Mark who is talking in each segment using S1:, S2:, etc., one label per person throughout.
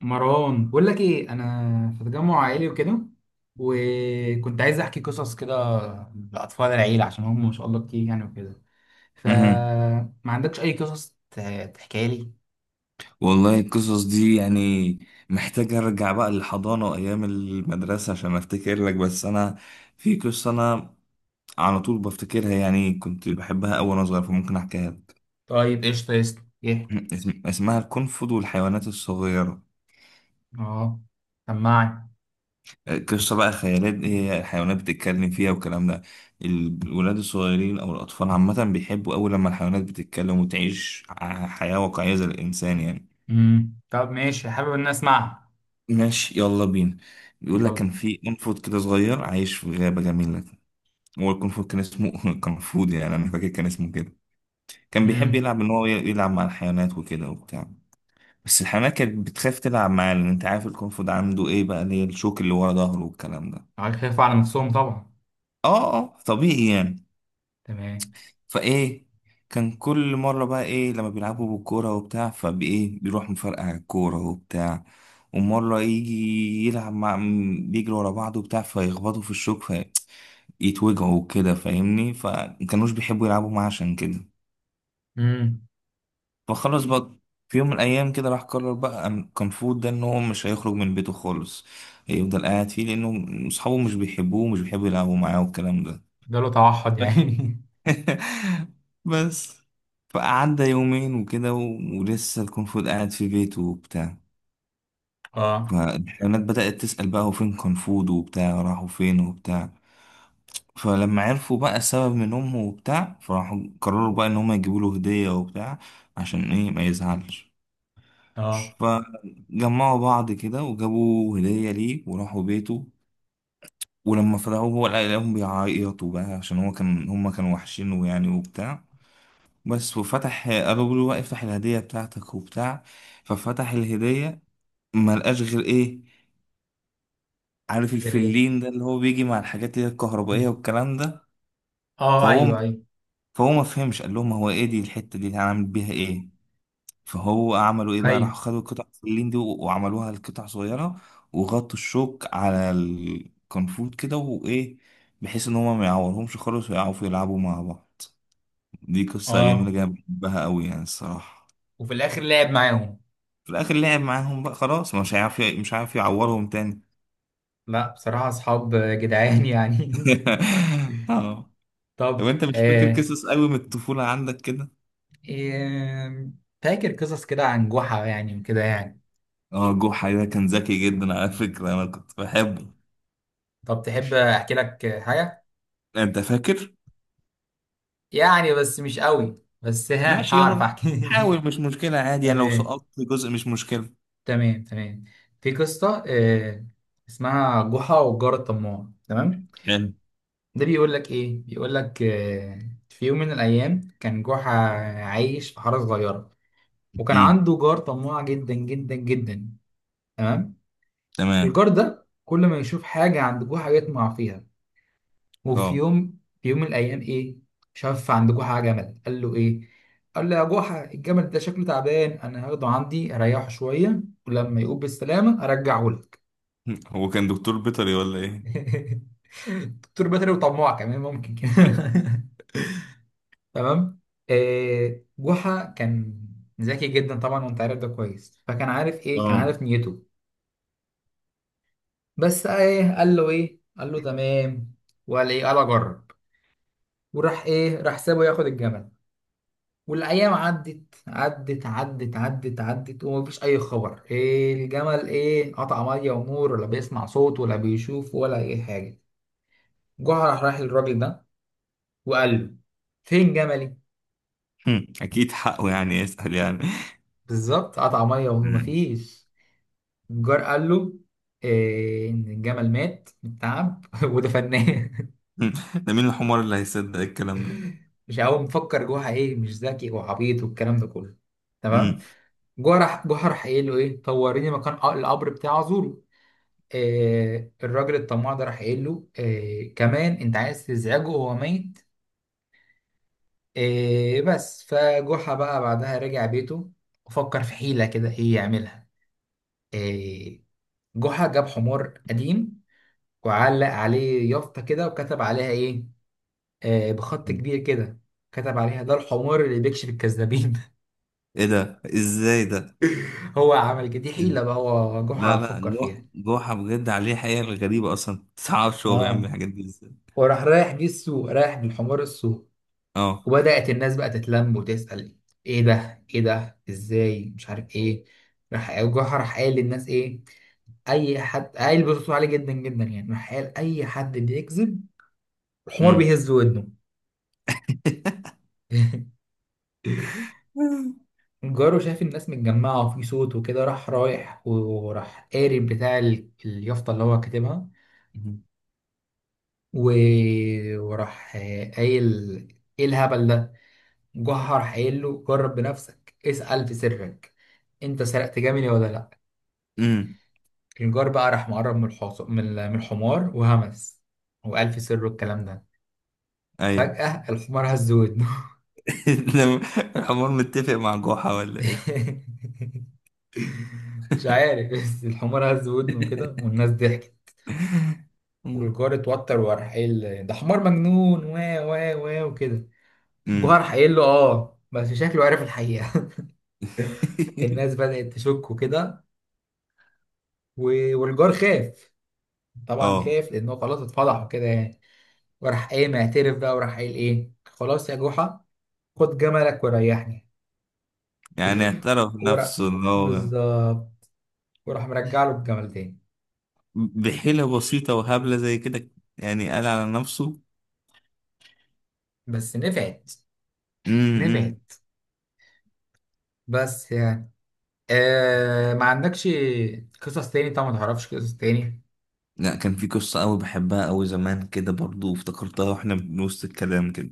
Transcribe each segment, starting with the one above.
S1: مروان، بقول لك ايه، انا في تجمع عائلي وكده. وكنت عايز احكي قصص كده لاطفال العيله، عشان هم ما شاء الله كتير يعني وكده.
S2: مهم.
S1: فما عندكش اي قصص تحكيها لي؟
S2: والله القصص دي يعني محتاج ارجع بقى للحضانة وايام المدرسة عشان افتكر لك. بس انا في قصة انا على طول بفتكرها يعني، كنت بحبها أوي وانا صغير، فممكن احكيها لك.
S1: طيب ايش، طيب يحكي.
S2: اسمها القنفذ والحيوانات الصغيرة.
S1: اه، سمعني.
S2: قصة بقى خيالات، هي الحيوانات بتتكلم فيها والكلام ده. الولاد الصغيرين او الاطفال عامة بيحبوا أوي لما الحيوانات بتتكلم وتعيش حياة واقعية زي الانسان يعني.
S1: امم، طب ماشي، حابب ان أنا اسمعها.
S2: ماشي، يلا بينا. بيقول لك
S1: يلا.
S2: كان في قنفذ كده صغير عايش في غابة جميلة. هو القنفذ كان اسمه قنفود، يعني أنا فاكر كان اسمه كده. كان بيحب
S1: امم.
S2: يلعب إن هو يلعب مع الحيوانات وكده وبتاع. بس الحيوانات كانت بتخاف تلعب معاه، لأن أنت عارف القنفذ عنده إيه بقى، اللي هي الشوك اللي ورا ظهره والكلام ده.
S1: عارف، خايفوا على نفسهم طبعا.
S2: آه آه، طبيعي يعني.
S1: تمام.
S2: فايه، كان كل مرة بقى ايه، لما بيلعبوا بالكورة وبتاع فبايه بيروح مفرقع على الكورة وبتاع. ومرة يجي يلعب مع بيجري ورا بعض وبتاع فيخبطوا في الشوك، فيتوجعوا وكده فاهمني، فمكانوش بيحبوا يلعبوا معاه عشان كده.
S1: امم.
S2: فخلاص بقى، في يوم من الأيام كده راح قرر بقى كان فود ده إن هو مش هيخرج من بيته خالص. هيفضل قاعد فيه لأنه أصحابه مش بيحبوه ومش بيحبوا يلعبوا معاه والكلام
S1: ده له توحد
S2: ده.
S1: يعني.
S2: بس فقعدنا يومين وكده ولسه الكونغ فود قاعد في بيته وبتاع.
S1: اه.
S2: فالحيوانات بدأت تسأل بقى هو فين كونغ فود وبتاع، راحوا فين وبتاع. فلما عرفوا بقى السبب من أمه وبتاع، فراحوا قرروا بقى إن هما يجيبوا له هدية وبتاع، عشان إيه ما يزعلش.
S1: اه،
S2: فجمعوا بعض كده وجابوا هدية ليه وراحوا بيته. ولما فتحوه هو لقاهم بيعيطوا بقى، عشان هو كان هما كانوا وحشينه يعني وبتاع. بس وفتح ابو بيقول له بقى افتح الهديه بتاعتك وبتاع. ففتح الهديه، ما لقاش غير ايه، عارف
S1: جري.
S2: الفلين ده اللي هو بيجي مع الحاجات اللي هي الكهربائيه والكلام ده.
S1: اه،
S2: فهو
S1: ايوه ايوه.
S2: فهو ما فهمش، قال لهم هو ايه دي الحته دي اللي هنعمل بيها ايه. فهو عملوا ايه بقى،
S1: ايوه.
S2: راحوا خدوا قطع الفلين دي وعملوها لقطع صغيره. وغطوا الشوك على الكنفوت كده وايه، بحيث ان هما ما يعورهمش خالص ويعرفوا يلعبوا مع بعض. دي قصه جميله
S1: اه.
S2: جدا بحبها قوي يعني الصراحه.
S1: وفي الاخر لعب معاهم.
S2: في الاخر لعب معاهم بقى خلاص، مش هيعرف يعورهم تاني.
S1: لا بصراحة اصحاب جدعان يعني.
S2: اه. طب
S1: طب
S2: انت مش فاكر
S1: آه.
S2: قصص قوي من الطفولة عندك كده؟
S1: آه، فاكر قصص كده عن جحا يعني وكده يعني.
S2: اه، جحا ده كان ذكي جدا على فكرة، انا كنت بحبه.
S1: طب تحب احكي لك حاجة؟
S2: انت فاكر؟
S1: يعني بس مش قوي، بس ها
S2: ماشي
S1: هعرف
S2: يلا.
S1: احكي.
S2: حاول، مش مشكلة عادي يعني، لو
S1: تمام
S2: سقطت جزء مش مشكلة.
S1: تمام تمام. في قصة آه، اسمها جحا والجار الطماع. تمام.
S2: حلو.
S1: ده بيقول لك ايه، بيقول لك آه: في يوم من الايام كان جحا عايش في حارة صغيرة، وكان
S2: امم.
S1: عنده جار طماع جدا جدا جدا. تمام.
S2: تمام.
S1: الجار ده كل ما يشوف حاجة عند جوه حاجة يطمع فيها. وفي
S2: اه.
S1: يوم في يوم من الأيام إيه، شاف عند جوه حاجة جمل. قال له إيه، قال له: يا جوحة، الجمل ده شكله تعبان، أنا هاخده عندي أريحه شوية، ولما يقوم بالسلامة أرجعه لك.
S2: هو كان دكتور بيطري ولا ايه؟
S1: دكتور بيطري وطماع كمان ممكن كده. تمام. آه، جحا كان ذكي جدا طبعا وانت عارف ده كويس، فكان عارف ايه، كان
S2: اه.
S1: عارف نيته. بس ايه، قال له ايه، قال له تمام. وقال ايه، قال اجرب. وراح ايه راح سابه ياخد الجمل. والايام عدت عدت عدت عدت عدت ومفيش اي خبر. إيه الجمل ايه قطع ميه ونور، ولا بيسمع صوت ولا بيشوف ولا اي حاجه. جه راح للراجل ده وقال له: فين جملي؟
S2: هم، اكيد حقه يعني يسأل يعني.
S1: بالظبط، قطع ميه ونور
S2: هم.
S1: مفيش. الجار قال له إيه، ان الجمل مات من التعب ودفناه.
S2: هم. ده مين الحمار اللي هيصدق الكلام ده؟
S1: مش هو مفكر جوه ايه، مش ذكي وعبيط والكلام ده كله. تمام. جوه راح قايل له ايه: طوريني مكان القبر بتاع زورو. آه الراجل الطماع ده راح قايل له: آه كمان انت عايز تزعجه، هو ميت. آه بس فجحا بقى بعدها رجع بيته، وفكر في حيلة كده ايه يعملها. آه جحا جاب حمار قديم، وعلق عليه يافطة كده وكتب عليها ايه، آه، بخط
S2: هم.
S1: كبير كده. كتب عليها: ده الحمار اللي بيكشف الكذابين.
S2: ايه ده، ازاي ده؟
S1: هو عمل كده، دي حيلة بقى هو
S2: لا
S1: جحا
S2: لا،
S1: فكر فيها.
S2: جوحة بجد عليه حقيقة غريبة، اصلا متعرفش هو بيعمل
S1: اه.
S2: الحاجات دي ازاي.
S1: وراح رايح بيه السوق، رايح بالحمار السوق.
S2: اه.
S1: وبدأت الناس بقى تتلم وتسأل: ايه ده ايه ده؟ ازاي؟ مش عارف ايه. راح جحا راح قايل للناس ايه: اي حد قايل بصوت عالي جدا جدا يعني، راح قال اي حد بيكذب الحمار
S2: امم.
S1: بيهز ودنه. جاره شاف الناس متجمعة وفي صوت وكده، راح رايح وراح قاري بتاع اليافطة اللي هو كاتبها، و... وراح قايل: ايه الهبل ده؟ جحا راح قايل له: جرب بنفسك، اسأل في سرك انت سرقت جميلي ولا لا.
S2: امم.
S1: الجار بقى راح مقرب من من من الحمار وهمس، وقال في سره الكلام ده.
S2: ايوه.
S1: فجأة الحمار هز ودنه.
S2: لما الحمار متفق مع جوحة ولا ايه؟
S1: مش عارف، بس الحمار هز ودنه كده، والناس ضحكت،
S2: امم.
S1: والجار اتوتر وراح قايل ده حمار مجنون و و و وكده. الجار
S2: أمم.
S1: راح قايل له اه بس شكله عارف الحقيقة. الناس بدأت تشك وكده، والجار خاف. طبعا
S2: اه.
S1: خاف لأنه خلاص اتفضح وكده يعني. وراح قايم اعترف بقى، وراح قايل ايه: خلاص يا جحا، خد جملك وريحني.
S2: يعني اعترف
S1: ورق.
S2: نفسه ان هو،
S1: بالظبط. وراح مرجع له الجمل تاني.
S2: بحيلة بسيطة وهبلة زي كده، يعني قال على نفسه.
S1: بس نفعت.
S2: امم.
S1: نفعت. بس يعني آه، ما عندكش قصص تاني طبعا؟ ما تعرفش قصص تاني؟
S2: لا كان في قصة أوي بحبها أوي زمان كده برضو، افتكرتها واحنا بنوسط الكلام كده.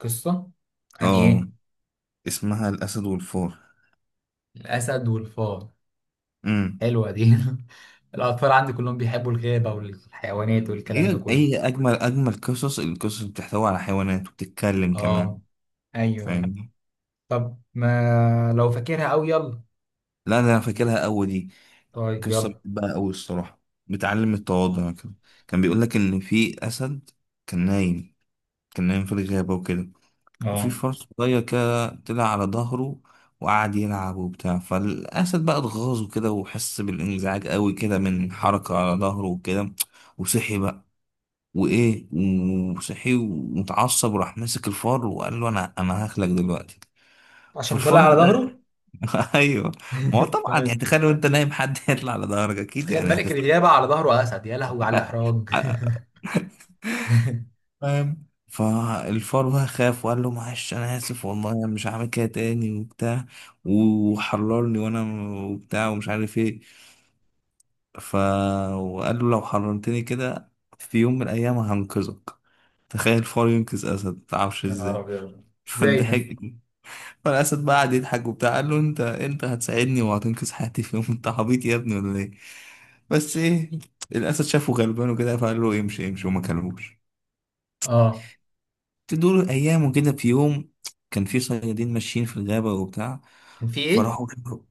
S1: قصة عن
S2: اه.
S1: ايه؟
S2: اسمها الأسد والفار.
S1: الأسد والفار.
S2: امم.
S1: حلوة دي. الأطفال عندي كلهم بيحبوا الغابة والحيوانات والكلام ده
S2: هي
S1: كله.
S2: هي أجمل أجمل قصص، القصص اللي بتحتوي على حيوانات وبتتكلم كمان،
S1: اه، ايوه ايوه.
S2: فاهمني.
S1: طب ما لو فاكرها أوي يلا.
S2: لا ده أنا فاكرها أوي دي،
S1: طيب
S2: قصة
S1: يلا.
S2: بحبها أوي الصراحة. بتعلم التواضع كده. كان بيقول لك إن في أسد كان نايم، كان نايم في الغابة وكده. في
S1: اه
S2: فرس صغير كده طلع على ظهره وقعد يلعب وبتاع. فالأسد بقى اتغاظه كده وحس بالانزعاج قوي كده من حركة على ظهره وكده. وصحي بقى وإيه، وصحي ومتعصب وراح ماسك الفار وقال له أنا هاكلك دلوقتي.
S1: عشان طلع
S2: فالفار
S1: على
S2: بقى
S1: ظهره.
S2: أيوه. ما هو طبعا يعني
S1: تمام.
S2: تخيل وأنت نايم حد يطلع على ظهرك أكيد
S1: تخيل
S2: يعني
S1: ملك
S2: هتستنى.
S1: الغابة على ظهره أسد، يا لهوي على الإحراج.
S2: فاهم. فالفار بقى خاف وقال له معلش انا اسف والله، انا مش هعمل كده تاني وبتاع، وحررني وانا وبتاع ومش عارف ايه. ف وقال له لو حررتني كده في يوم من الايام هنقذك. تخيل فار ينقذ اسد، متعرفش
S1: يا نهار
S2: ازاي.
S1: ابيض. ازاي ده؟
S2: فضحك. فالاسد بقى قعد يضحك وبتاع، قال له انت هتساعدني وهتنقذ حياتي في يوم؟ انت عبيط يا ابني ولا ايه؟ بس ايه، الاسد شافه غلبان وكده فقال له امشي امشي وما كلموش.
S1: اه
S2: تدور ايام وكده، في يوم كان في صيادين ماشيين في الغابه وبتاع.
S1: كان في ايه؟
S2: فراحوا،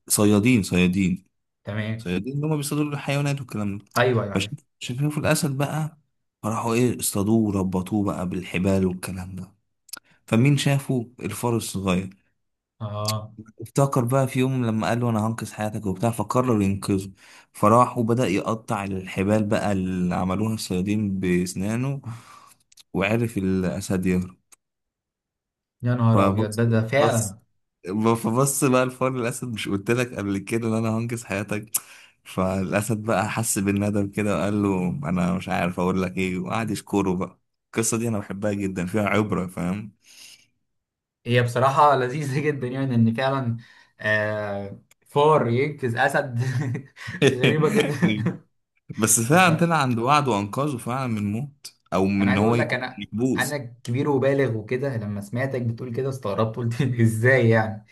S2: صيادين صيادين
S1: تمام.
S2: صيادين اللي هم بيصطادوا الحيوانات والكلام ده.
S1: ايوه ايوه
S2: فش-
S1: عارف.
S2: شافوا الاسد بقى، فراحوا ايه اصطادوه وربطوه بقى بالحبال والكلام ده. فمين شافه؟ الفار الصغير.
S1: اه
S2: افتكر بقى في يوم لما قال له انا هنقذ حياتك وبتاع، فقرر ينقذه. فراح وبدأ يقطع الحبال بقى اللي عملوها الصيادين بأسنانه، وعرف الأسد يهرب.
S1: يا نهار ابيض، ده
S2: فبص
S1: ده
S2: بص
S1: فعلا.
S2: فبص بقى الفار الاسد، مش قلت لك قبل كده ان انا هنقذ حياتك؟ فالاسد بقى حس بالندم كده وقال له انا مش عارف اقول لك ايه، وقعد يشكره بقى. القصه دي انا بحبها جدا، فيها عبره فاهم.
S1: هي بصراحة لذيذة جدا يعني، ان فعلا آه فار ينقذ اسد غريبة جدا.
S2: بس
S1: بس
S2: فعلا طلع عند وعد وانقذه فعلا من موت او من
S1: انا
S2: ان
S1: عايز
S2: هو
S1: اقول لك:
S2: يكون
S1: انا
S2: محبوس.
S1: كبير وبالغ وكده، لما سمعتك بتقول كده استغربت، قلت ازاي يعني؟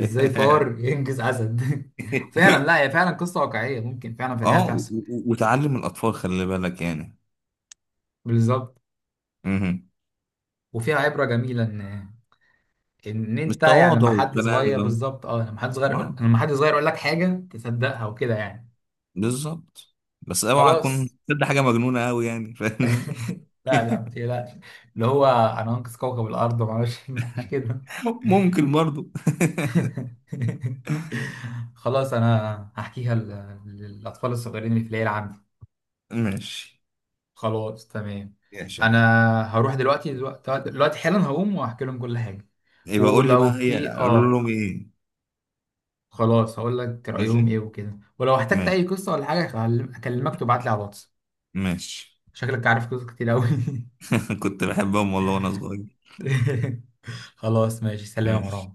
S1: ازاي فار ينجز اسد؟ فعلا، لا هي فعلا قصه واقعيه ممكن فعلا في الحياه
S2: اه و-
S1: تحصل.
S2: و- وتعلم الاطفال، خلي بالك يعني.
S1: بالظبط.
S2: مهم.
S1: وفيها عبره جميله ان
S2: مش
S1: انت يعني
S2: تواضع
S1: لما حد
S2: والكلام
S1: صغير،
S2: ده؟
S1: بالظبط اه، لما حد صغير يقول،
S2: آه.
S1: لما حد صغير يقول لك حاجه تصدقها وكده يعني.
S2: بالظبط. بس اوعى اكون
S1: خلاص.
S2: تصدق حاجه مجنونه قوي يعني فاهمني.
S1: لا لا ما تقلقش. اللي هو انا هنقذ كوكب الارض ما اعرفش، مش كده.
S2: ممكن برضو.
S1: خلاص انا هحكيها للاطفال الصغيرين اللي في العيله عندي.
S2: ماشي.
S1: خلاص تمام.
S2: ماشي يا عم.
S1: انا هروح دلوقتي دلوقتي، دلوقتي حالا هقوم وهحكي لهم كل حاجه.
S2: يبقى قول لي
S1: ولو
S2: بقى هي
S1: في
S2: قول
S1: اه،
S2: لهم ايه.
S1: خلاص هقول لك رايهم
S2: ماشي.
S1: ايه وكده، ولو احتجت
S2: ماشي.
S1: اي قصه ولا حاجه هكلمك تبعت لي على الواتس.
S2: ماشي.
S1: شكلك عارف قصص كتير قوي.
S2: كنت بحبهم والله وانا صغير.
S1: خلاص ماشي، سلام يا
S2: ماشي.
S1: مروان.